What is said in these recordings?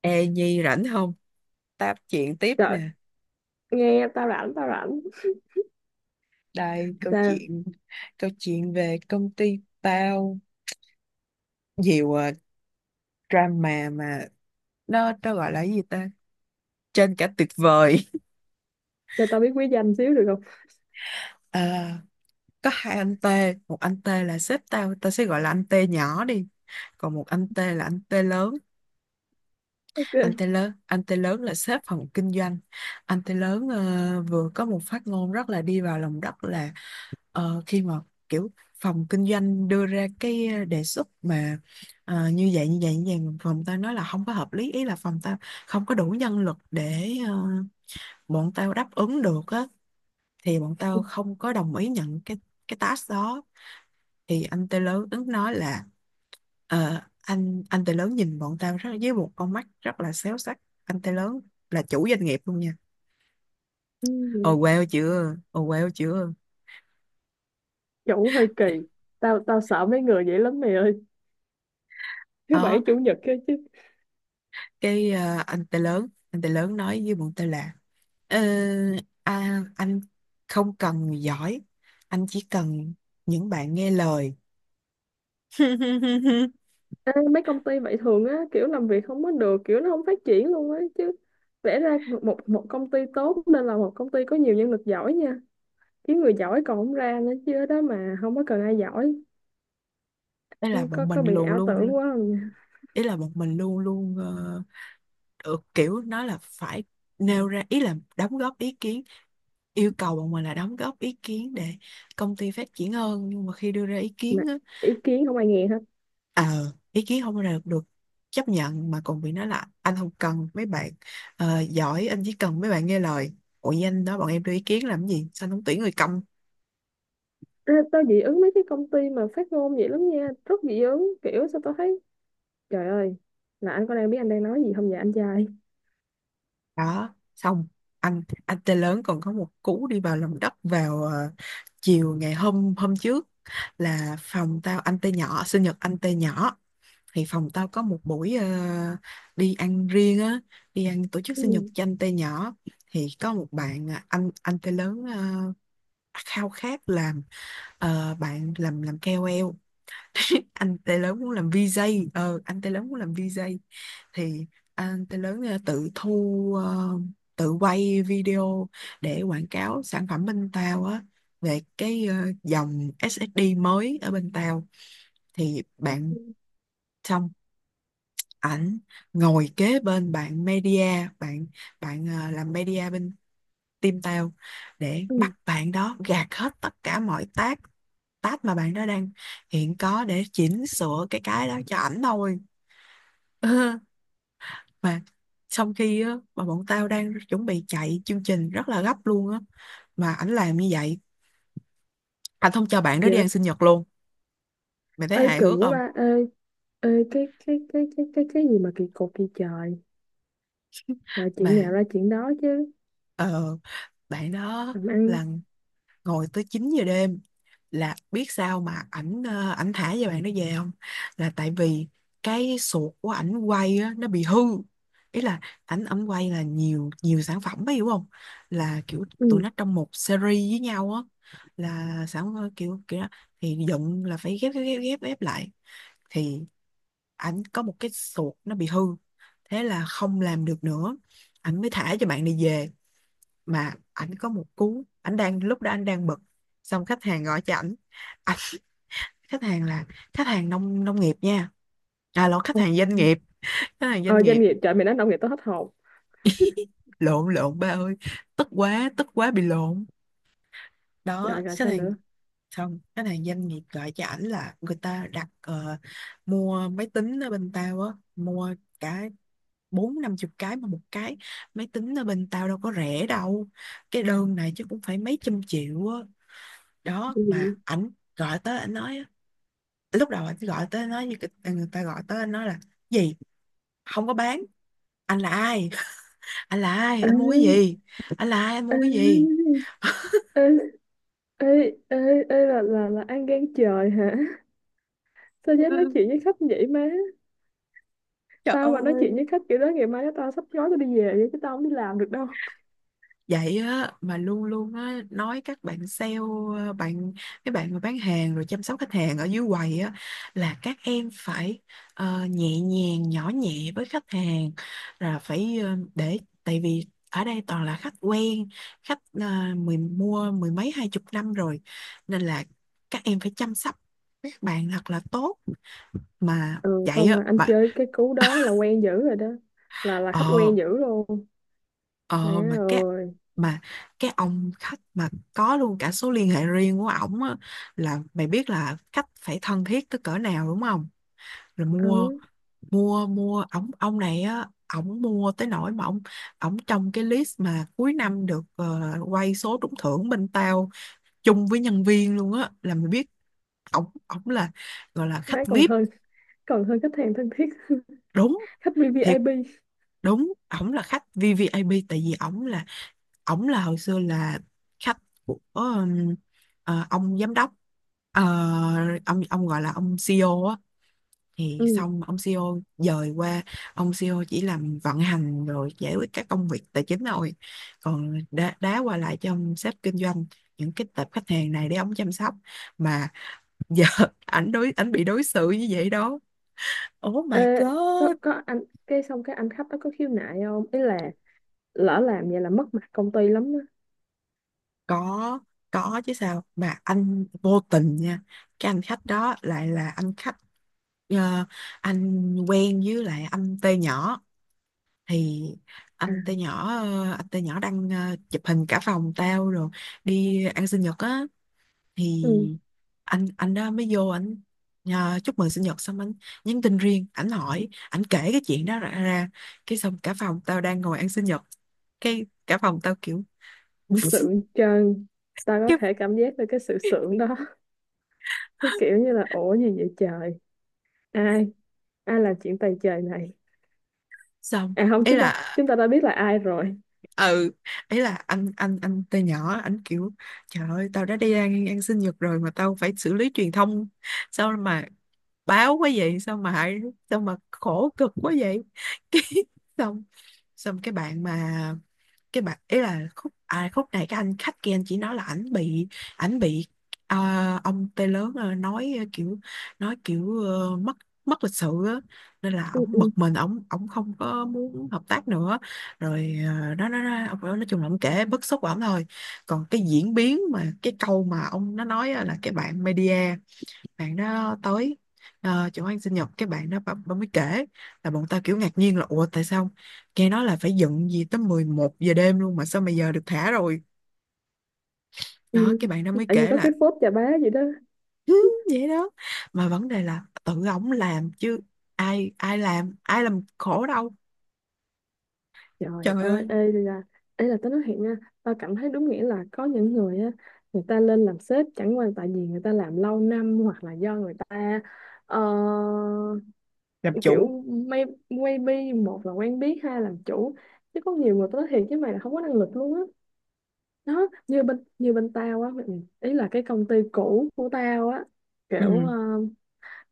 Ê Nhi rảnh không? Tám chuyện tiếp Trời, nè. nghe tao rảnh, tao rảnh. Đây Sao? Câu chuyện về công ty tao, nhiều drama mà nó gọi là cái gì ta? Trên cả tuyệt vời. Cho tao biết quý danh xíu được không? À, có hai anh T, một anh T là sếp tao, tao sẽ gọi là anh T nhỏ đi. Còn một anh T là anh T lớn, Ok. Anh T lớn là sếp phòng kinh doanh. Anh T lớn vừa có một phát ngôn rất là đi vào lòng đất là. Ờ, khi mà kiểu phòng kinh doanh đưa ra cái đề xuất mà như vậy như vậy như vậy, mà phòng tao nói là không có hợp lý, ý là phòng tao không có đủ nhân lực để bọn tao đáp ứng được á, thì bọn tao không có đồng ý nhận cái task đó. Thì anh Tê lớn ứng nói là, ờ, anh Tê lớn nhìn bọn tao rất với một con mắt rất là xéo sắc. Anh Tê lớn là chủ doanh nghiệp luôn nha. Ừ, Ồ wow chưa, ồ wow chưa. chủ hơi kỳ. Tao tao sợ mấy người vậy lắm mày ơi. Thứ bảy Đó, chủ nhật kia chứ. cái anh Tê lớn, anh Tê lớn nói với bọn tao là, ờ, à, anh không cần người giỏi, anh chỉ cần những bạn nghe lời. Ê, mấy công ty vậy thường á, kiểu làm việc không có được, kiểu nó không phát triển luôn á chứ. Vẽ ra một một công ty tốt nên là một công ty có nhiều nhân lực giỏi nha. Kiếm người giỏi còn không ra nữa chứ ở đó mà không có cần ai giỏi. Ý là Ừ, Có bọn có mình bị luôn ảo luôn, tưởng quá không nha. ý là bọn mình luôn luôn được, kiểu nó là phải nêu ra, ý là đóng góp ý kiến, yêu cầu bọn mình là đóng góp ý kiến để công ty phát triển hơn. Nhưng mà khi đưa ra ý Mà kiến, ý kiến không ai nghe. ờ ý kiến không được chấp nhận mà còn bị nói là anh không cần mấy bạn giỏi, anh chỉ cần mấy bạn nghe lời. Ủa, với anh đó bọn em đưa ý kiến làm gì, sao anh không tuyển người công. Ê, tao dị ứng mấy cái công ty mà phát ngôn vậy lắm nha, rất dị ứng, kiểu sao tao thấy trời ơi là anh có đang biết anh đang nói gì không vậy anh trai? Đó, xong, anh tê lớn còn có một cú đi vào lòng đất vào chiều ngày hôm hôm trước, là phòng tao, anh tê nhỏ sinh nhật anh tê nhỏ, thì phòng tao có một buổi đi ăn riêng á, đi ăn tổ chức sinh nhật Ừ. cho anh tê nhỏ. Thì có một bạn, à, anh tê lớn khao khát làm bạn làm KOL. Anh Tê lớn muốn làm VJ, ờ, anh Tê lớn muốn làm VJ. Thì anh Tê lớn tự thu, tự quay video để quảng cáo sản phẩm bên tao á, về cái dòng SSD mới ở bên tao. Thì Ừ. bạn, xong ảnh ngồi kế bên bạn media, bạn bạn làm media bên team tao, để Ừ, bắt bạn đó gạt hết tất cả mọi tác, tác mà bạn đó đang hiện có để chỉnh sửa cái đó cho ảnh thôi. Mà trong khi á, mà bọn tao đang chuẩn bị chạy chương trình rất là gấp luôn á, mà ảnh làm như vậy, anh không cho bạn đó đi dạ. ăn sinh nhật luôn. Mày thấy Ê hài kỳ hước quá không? ba, ê ê cái gì mà kỳ cục kỳ trời. Trời, chuyện Mà nào ra chuyện đó chứ. ờ, bạn đó Làm ăn. là ngồi tới 9 giờ đêm, là biết sao mà ảnh thả cho bạn nó về không? Là tại vì cái sụt của ảnh quay á, nó bị hư. Ý là ảnh ảnh quay là nhiều, nhiều sản phẩm ấy, hiểu không? Là kiểu tụi Ừ. nó trong một series với nhau á, là sản, kiểu kiểu đó. Thì dựng là phải ghép ghép ghép ghép ghép lại. Thì ảnh có một cái sụt nó bị hư, thế là không làm được nữa, ảnh mới thả cho bạn này về. Mà ảnh có một cú, ảnh đang lúc đó ảnh đang bực, xong khách hàng gọi cho ảnh. À, khách hàng là khách hàng nông nông nghiệp nha. À lộn, khách Ừ. hàng doanh nghiệp, khách hàng doanh Ờ, doanh nghiệp. nghiệp, trời mày nói nông nghiệp tao hết hồn. Lộn, lộn ba ơi, tức quá, tức quá bị lộn. Rồi Đó, rồi, khách sao hàng, nữa? xong khách hàng doanh nghiệp gọi cho ảnh, là người ta đặt, mua máy tính ở bên tao á, mua cả bốn năm chục cái, mà một cái máy tính ở bên tao đâu có rẻ đâu, cái đơn này chứ cũng phải mấy trăm triệu á. Đó, Cái mà gì? ảnh gọi tới ảnh nói, lúc đầu anh gọi tới nó như người ta gọi tới anh nói là gì, không có bán, anh là ai, anh là ai Ê, anh mua cái gì, anh là ai anh mua cái gì. ê, ê, ê, ê, ê, là ăn gan trời hả? Sao dám nói chuyện với khách vậy má? Tao mà nói chuyện với khách kiểu đó ngày mai đó tao sắp gói tao đi về vậy chứ tao không đi làm được đâu. Vậy á, mà luôn luôn á nói các bạn sale, ờ, bạn các bạn mà bán hàng rồi chăm sóc khách hàng ở dưới quầy á, là các em phải nhẹ nhàng nhỏ nhẹ với khách hàng, là phải ờ, để tại vì ở đây toàn là khách quen, khách mua mười mấy hai chục năm rồi, nên là các em phải chăm sóc các bạn thật là tốt. Mà Ừ, vậy xong á. rồi anh mà chơi cái cú đó là quen dữ rồi đó, là khách ờ quen dữ luôn. Má Ờ mà cái ơi. mà cái ông khách mà có luôn cả số liên hệ riêng của ổng á, là mày biết là khách phải thân thiết tới cỡ nào đúng không? Rồi Ừ, mua, mua ổng, ông này á, ổng mua tới nỗi mà ổng ổng trong cái list mà cuối năm được quay số trúng thưởng bên tao chung với nhân viên luôn á, là mày biết ổng ổng là gọi là má khách còn VIP. hơn còn hơn khách hàng thân thiết. Đúng khách thiệt, VVIP. đúng ổng là khách VVIP, tại vì ổng là, ổng là hồi xưa là khách của ông giám đốc. Ờ, ông gọi là ông CEO á. Thì Ừ. xong ông CEO dời qua, ông CEO chỉ làm vận hành rồi giải quyết các công việc tài chính thôi, còn đá, đá qua lại cho ông sếp kinh doanh những cái tệp khách hàng này để ông chăm sóc. Mà giờ ảnh bị đối xử như vậy đó, oh my Ê, có, god. có anh, cái xong cái anh khách đó có khiếu nại không, ý là lỡ làm vậy là mất mặt công ty lắm á. có có chứ sao, mà anh vô tình nha. Cái anh khách đó lại là anh khách ờ, anh quen với lại anh T nhỏ. Thì À. Anh T nhỏ đang chụp hình cả phòng tao rồi đi ăn sinh nhật á. Thì Ừ. Anh đó mới vô, chúc mừng sinh nhật, xong anh nhắn tin riêng ảnh, hỏi ảnh kể cái chuyện đó ra, ra. Cái xong cả phòng tao đang ngồi ăn sinh nhật, cái cả phòng tao kiểu Sượng trân. Tao có cái thể cảm giác được cái sự sượng đó. cái kiểu như là ủa gì vậy trời, ai ai làm chuyện tày trời này. xong À không, ý chúng ta là chúng ta đã biết là ai rồi. ừ, ấy là anh từ nhỏ anh kiểu, trời ơi tao đã đi ăn, ăn sinh nhật rồi mà tao phải xử lý truyền thông, sao mà báo quá vậy, sao mà hại, sao mà khổ cực quá vậy. Cái xong, cái bạn mà, cái bạn ý là khúc, à, khúc này cái anh khách kia anh chỉ nói là ảnh bị ờ, ông tê lớn nói kiểu nói kiểu mất, mất lịch sự á, nên là Ừ, ổng bực ừ, mình, ổng ổng không có muốn hợp tác nữa rồi. Ờ, đó, đó ông nói chung là ông kể bức xúc của ổng thôi, còn cái diễn biến mà cái câu mà ông nó nói á là cái bạn media, bạn đó tới chỗ ăn sinh nhật, cái bạn đó, bà mới kể, là bọn tao kiểu ngạc nhiên là ủa tại sao, nghe nói là phải dựng gì tới 11 giờ đêm luôn mà sao mà giờ được thả rồi? ừ. Đó, cái bạn đó mới Tự nhiên kể có là cái phốt chà bá gì đó. "Ừ, vậy đó." Mà vấn đề là tự ổng làm chứ, ai, ai làm khổ đâu. Trời Trời ơi. ơi, Ê là tao nói thiệt nha, tao cảm thấy đúng nghĩa là có những người á, người ta lên làm sếp chẳng qua tại vì người ta làm lâu năm hoặc là do người ta ờ, làm chủ. kiểu maybe một là quen biết, hai là làm chủ. Chứ có nhiều người tao nói thiệt với mày là không có năng lực luôn á. Đó như bên tao á, ý là cái công ty cũ của tao á, kiểu, ừ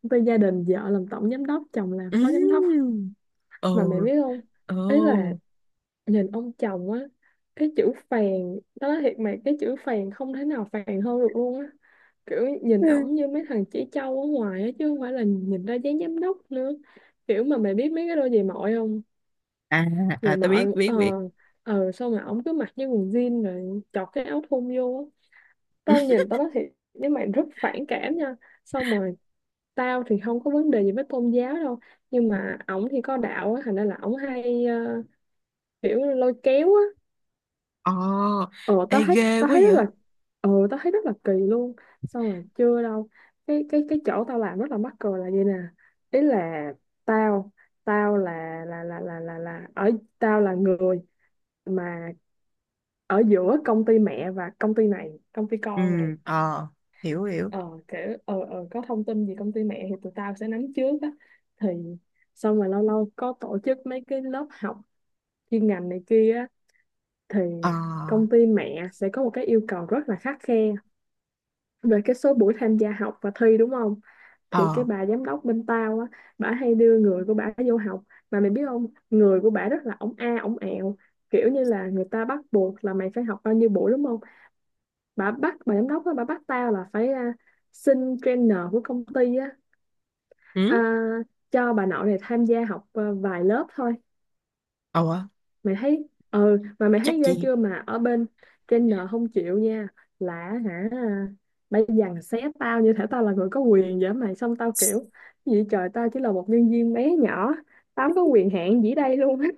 với gia đình vợ làm tổng giám đốc, chồng làm phó giám đốc. ừ ừ Mà mày biết không? ừ. Ý là nhìn ông chồng á, cái chữ phèn, đó nói thiệt mày, cái chữ phèn không thể nào phèn hơn được luôn á. Kiểu nhìn ổng như mấy thằng chỉ trâu ở ngoài á, chứ không phải là nhìn ra dáng giám đốc nữa. Kiểu mà mày biết mấy cái đôi giày mọi không? À, Giày à tao biết, mọi, biết biết sao mà ổng cứ mặc như quần jean rồi chọt cái áo thun vô á. Tao nhìn tao nói thiệt với mày rất phản cảm nha. Xong rồi tao thì không có vấn đề gì với tôn giáo đâu nhưng mà ổng thì có đạo á thành ra là ổng hay kiểu lôi kéo á. Ờ, ờ ê tao thấy ghê tao quá thấy rất vậy. là Tao thấy rất là kỳ luôn. Xong rồi chưa đâu, cái chỗ tao làm rất là mắc cười là vậy nè. Ý là tao tao là ở tao là người mà ở giữa công ty mẹ và công ty này, công ty Ừ, con này. ờ, hiểu, hiểu. Ờ Kiểu có thông tin gì công ty mẹ thì tụi tao sẽ nắm trước á. Thì xong rồi lâu lâu có tổ chức mấy cái lớp học chuyên ngành này kia á, thì ờ công ty mẹ sẽ có một cái yêu cầu rất là khắt khe về cái số buổi tham gia học và thi, đúng không? Thì ờ cái bà giám đốc bên tao á, bả hay đưa người của bả vô học. Mà mày biết không, người của bả rất là ổng a ổng ẹo. Kiểu như là người ta bắt buộc là mày phải học bao nhiêu buổi đúng không? Bà giám đốc á bà bắt tao là phải, xin trainer của công ty á, à, ừ cho bà nội này tham gia học vài lớp thôi. ờ Mày thấy, ừ mà mày chắc thấy ghê gì. chưa, mà ở bên trainer không chịu nha. Là hả? Bà dằn xé tao như thể tao là người có quyền vậy mày, xong tao kiểu gì trời tao chỉ là một nhân viên bé nhỏ, tao không có quyền hạn gì đây luôn á.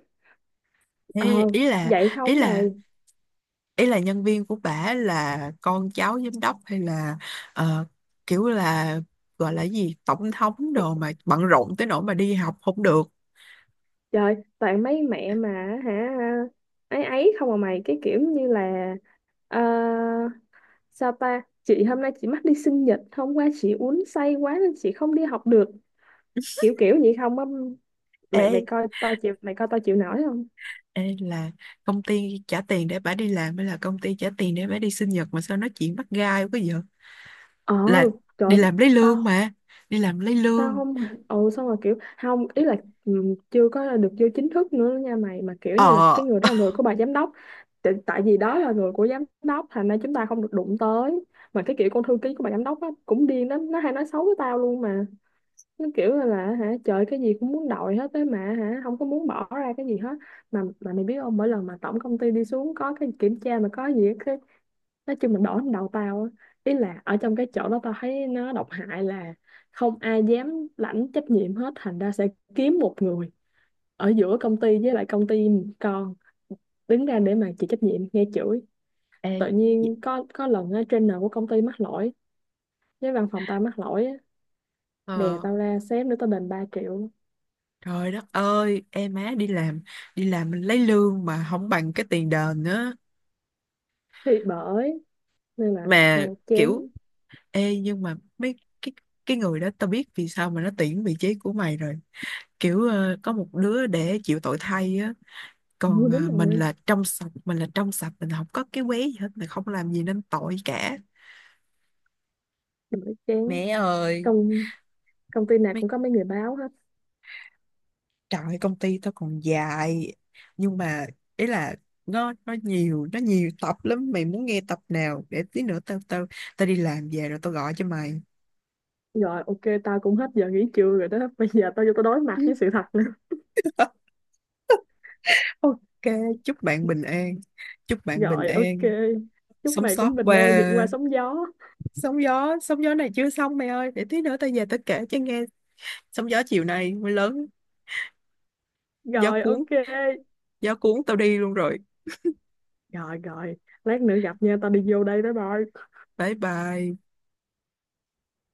Thế ờ ý là, Vậy ý xong là mày. ý là nhân viên của bả là con cháu giám đốc, hay là ờ, kiểu là gọi là gì tổng thống đồ, mà bận rộn tới nỗi mà đi học không được? Trời toàn mấy mẹ mà hả. Ấy ấy, không à mày, cái kiểu như là, ờ, sao ta? Chị hôm nay chị mắc đi sinh nhật, hôm qua chị uống say quá nên chị không đi học được. Kiểu kiểu vậy không á. Mày Ê, mày coi tao chịu mày coi tao chịu nổi không? ê là công ty trả tiền để bả đi làm hay là công ty trả tiền để bả đi sinh nhật mà sao nói chuyện bắt gai quá vậy, Ờ, là Trời đi ơi, làm lấy tao lương mà, đi làm lấy tao lương. không. Ừ, xong rồi kiểu không, ý là ừ, chưa có được vô chính thức nữa nha mày, mà kiểu như là ờ cái người đó là người của bà giám đốc. Tại vì đó là người của giám đốc thành ra chúng ta không được đụng tới. Mà cái kiểu con thư ký của bà giám đốc á cũng điên lắm, nó hay nói xấu với tao luôn mà. Nó kiểu là hả trời, cái gì cũng muốn đòi hết á, mà hả không có muốn bỏ ra cái gì hết. Mà mày biết không, mỗi lần mà tổng công ty đi xuống có cái kiểm tra mà có gì á, cái nói chung là đổ lên đầu tao á. Ý là ở trong cái chỗ đó tao thấy nó độc hại là không ai dám lãnh trách nhiệm hết, thành ra sẽ kiếm một người ở giữa công ty với lại công ty con đứng ra để mà chịu trách nhiệm nghe chửi. Ê, Tự dạ. nhiên có lần á, trainer của công ty mắc lỗi với văn phòng tao mắc lỗi á, đè Ờ. tao ra, sếp nữa tao đền 3 triệu. Trời đất ơi, em má đi làm mình lấy lương mà không bằng cái tiền đền nữa. Thì bởi nên là Mà thôi kiểu, chán. ê nhưng mà mấy cái người đó tao biết vì sao mà nó tuyển vị trí của mày rồi. Kiểu có một đứa để chịu tội thay á, Ừ, còn đúng mình rồi, là trong sạch, mình là trong sạch, mình không có cái quế gì hết, mình không làm gì nên tội cả. bởi chán, Mẹ ơi, công công ty nào mấy cũng có mấy người báo hết. trời ơi, công ty tao còn dài, nhưng mà ý là nó nhiều, nó nhiều tập lắm, mày muốn nghe tập nào để tí nữa tao tao tao đi làm về rồi tao gọi cho mày. Rồi ok tao cũng hết giờ nghỉ trưa rồi đó, bây giờ tao vô tao đối mặt với sự thật nữa. Ok, chúc bạn bình an, chúc bạn bình Rồi ok, an. chúc Sống mày sót cũng bình an vượt qua qua sóng gió. sóng gió, sóng gió này chưa xong mày ơi, để tí nữa tao về tao kể cho nghe, sóng gió chiều nay mới lớn, gió Rồi cuốn, ok, gió cuốn tao đi luôn rồi. rồi rồi, lát nữa gặp nha, tao đi vô đây. Bye bye. Bye bye.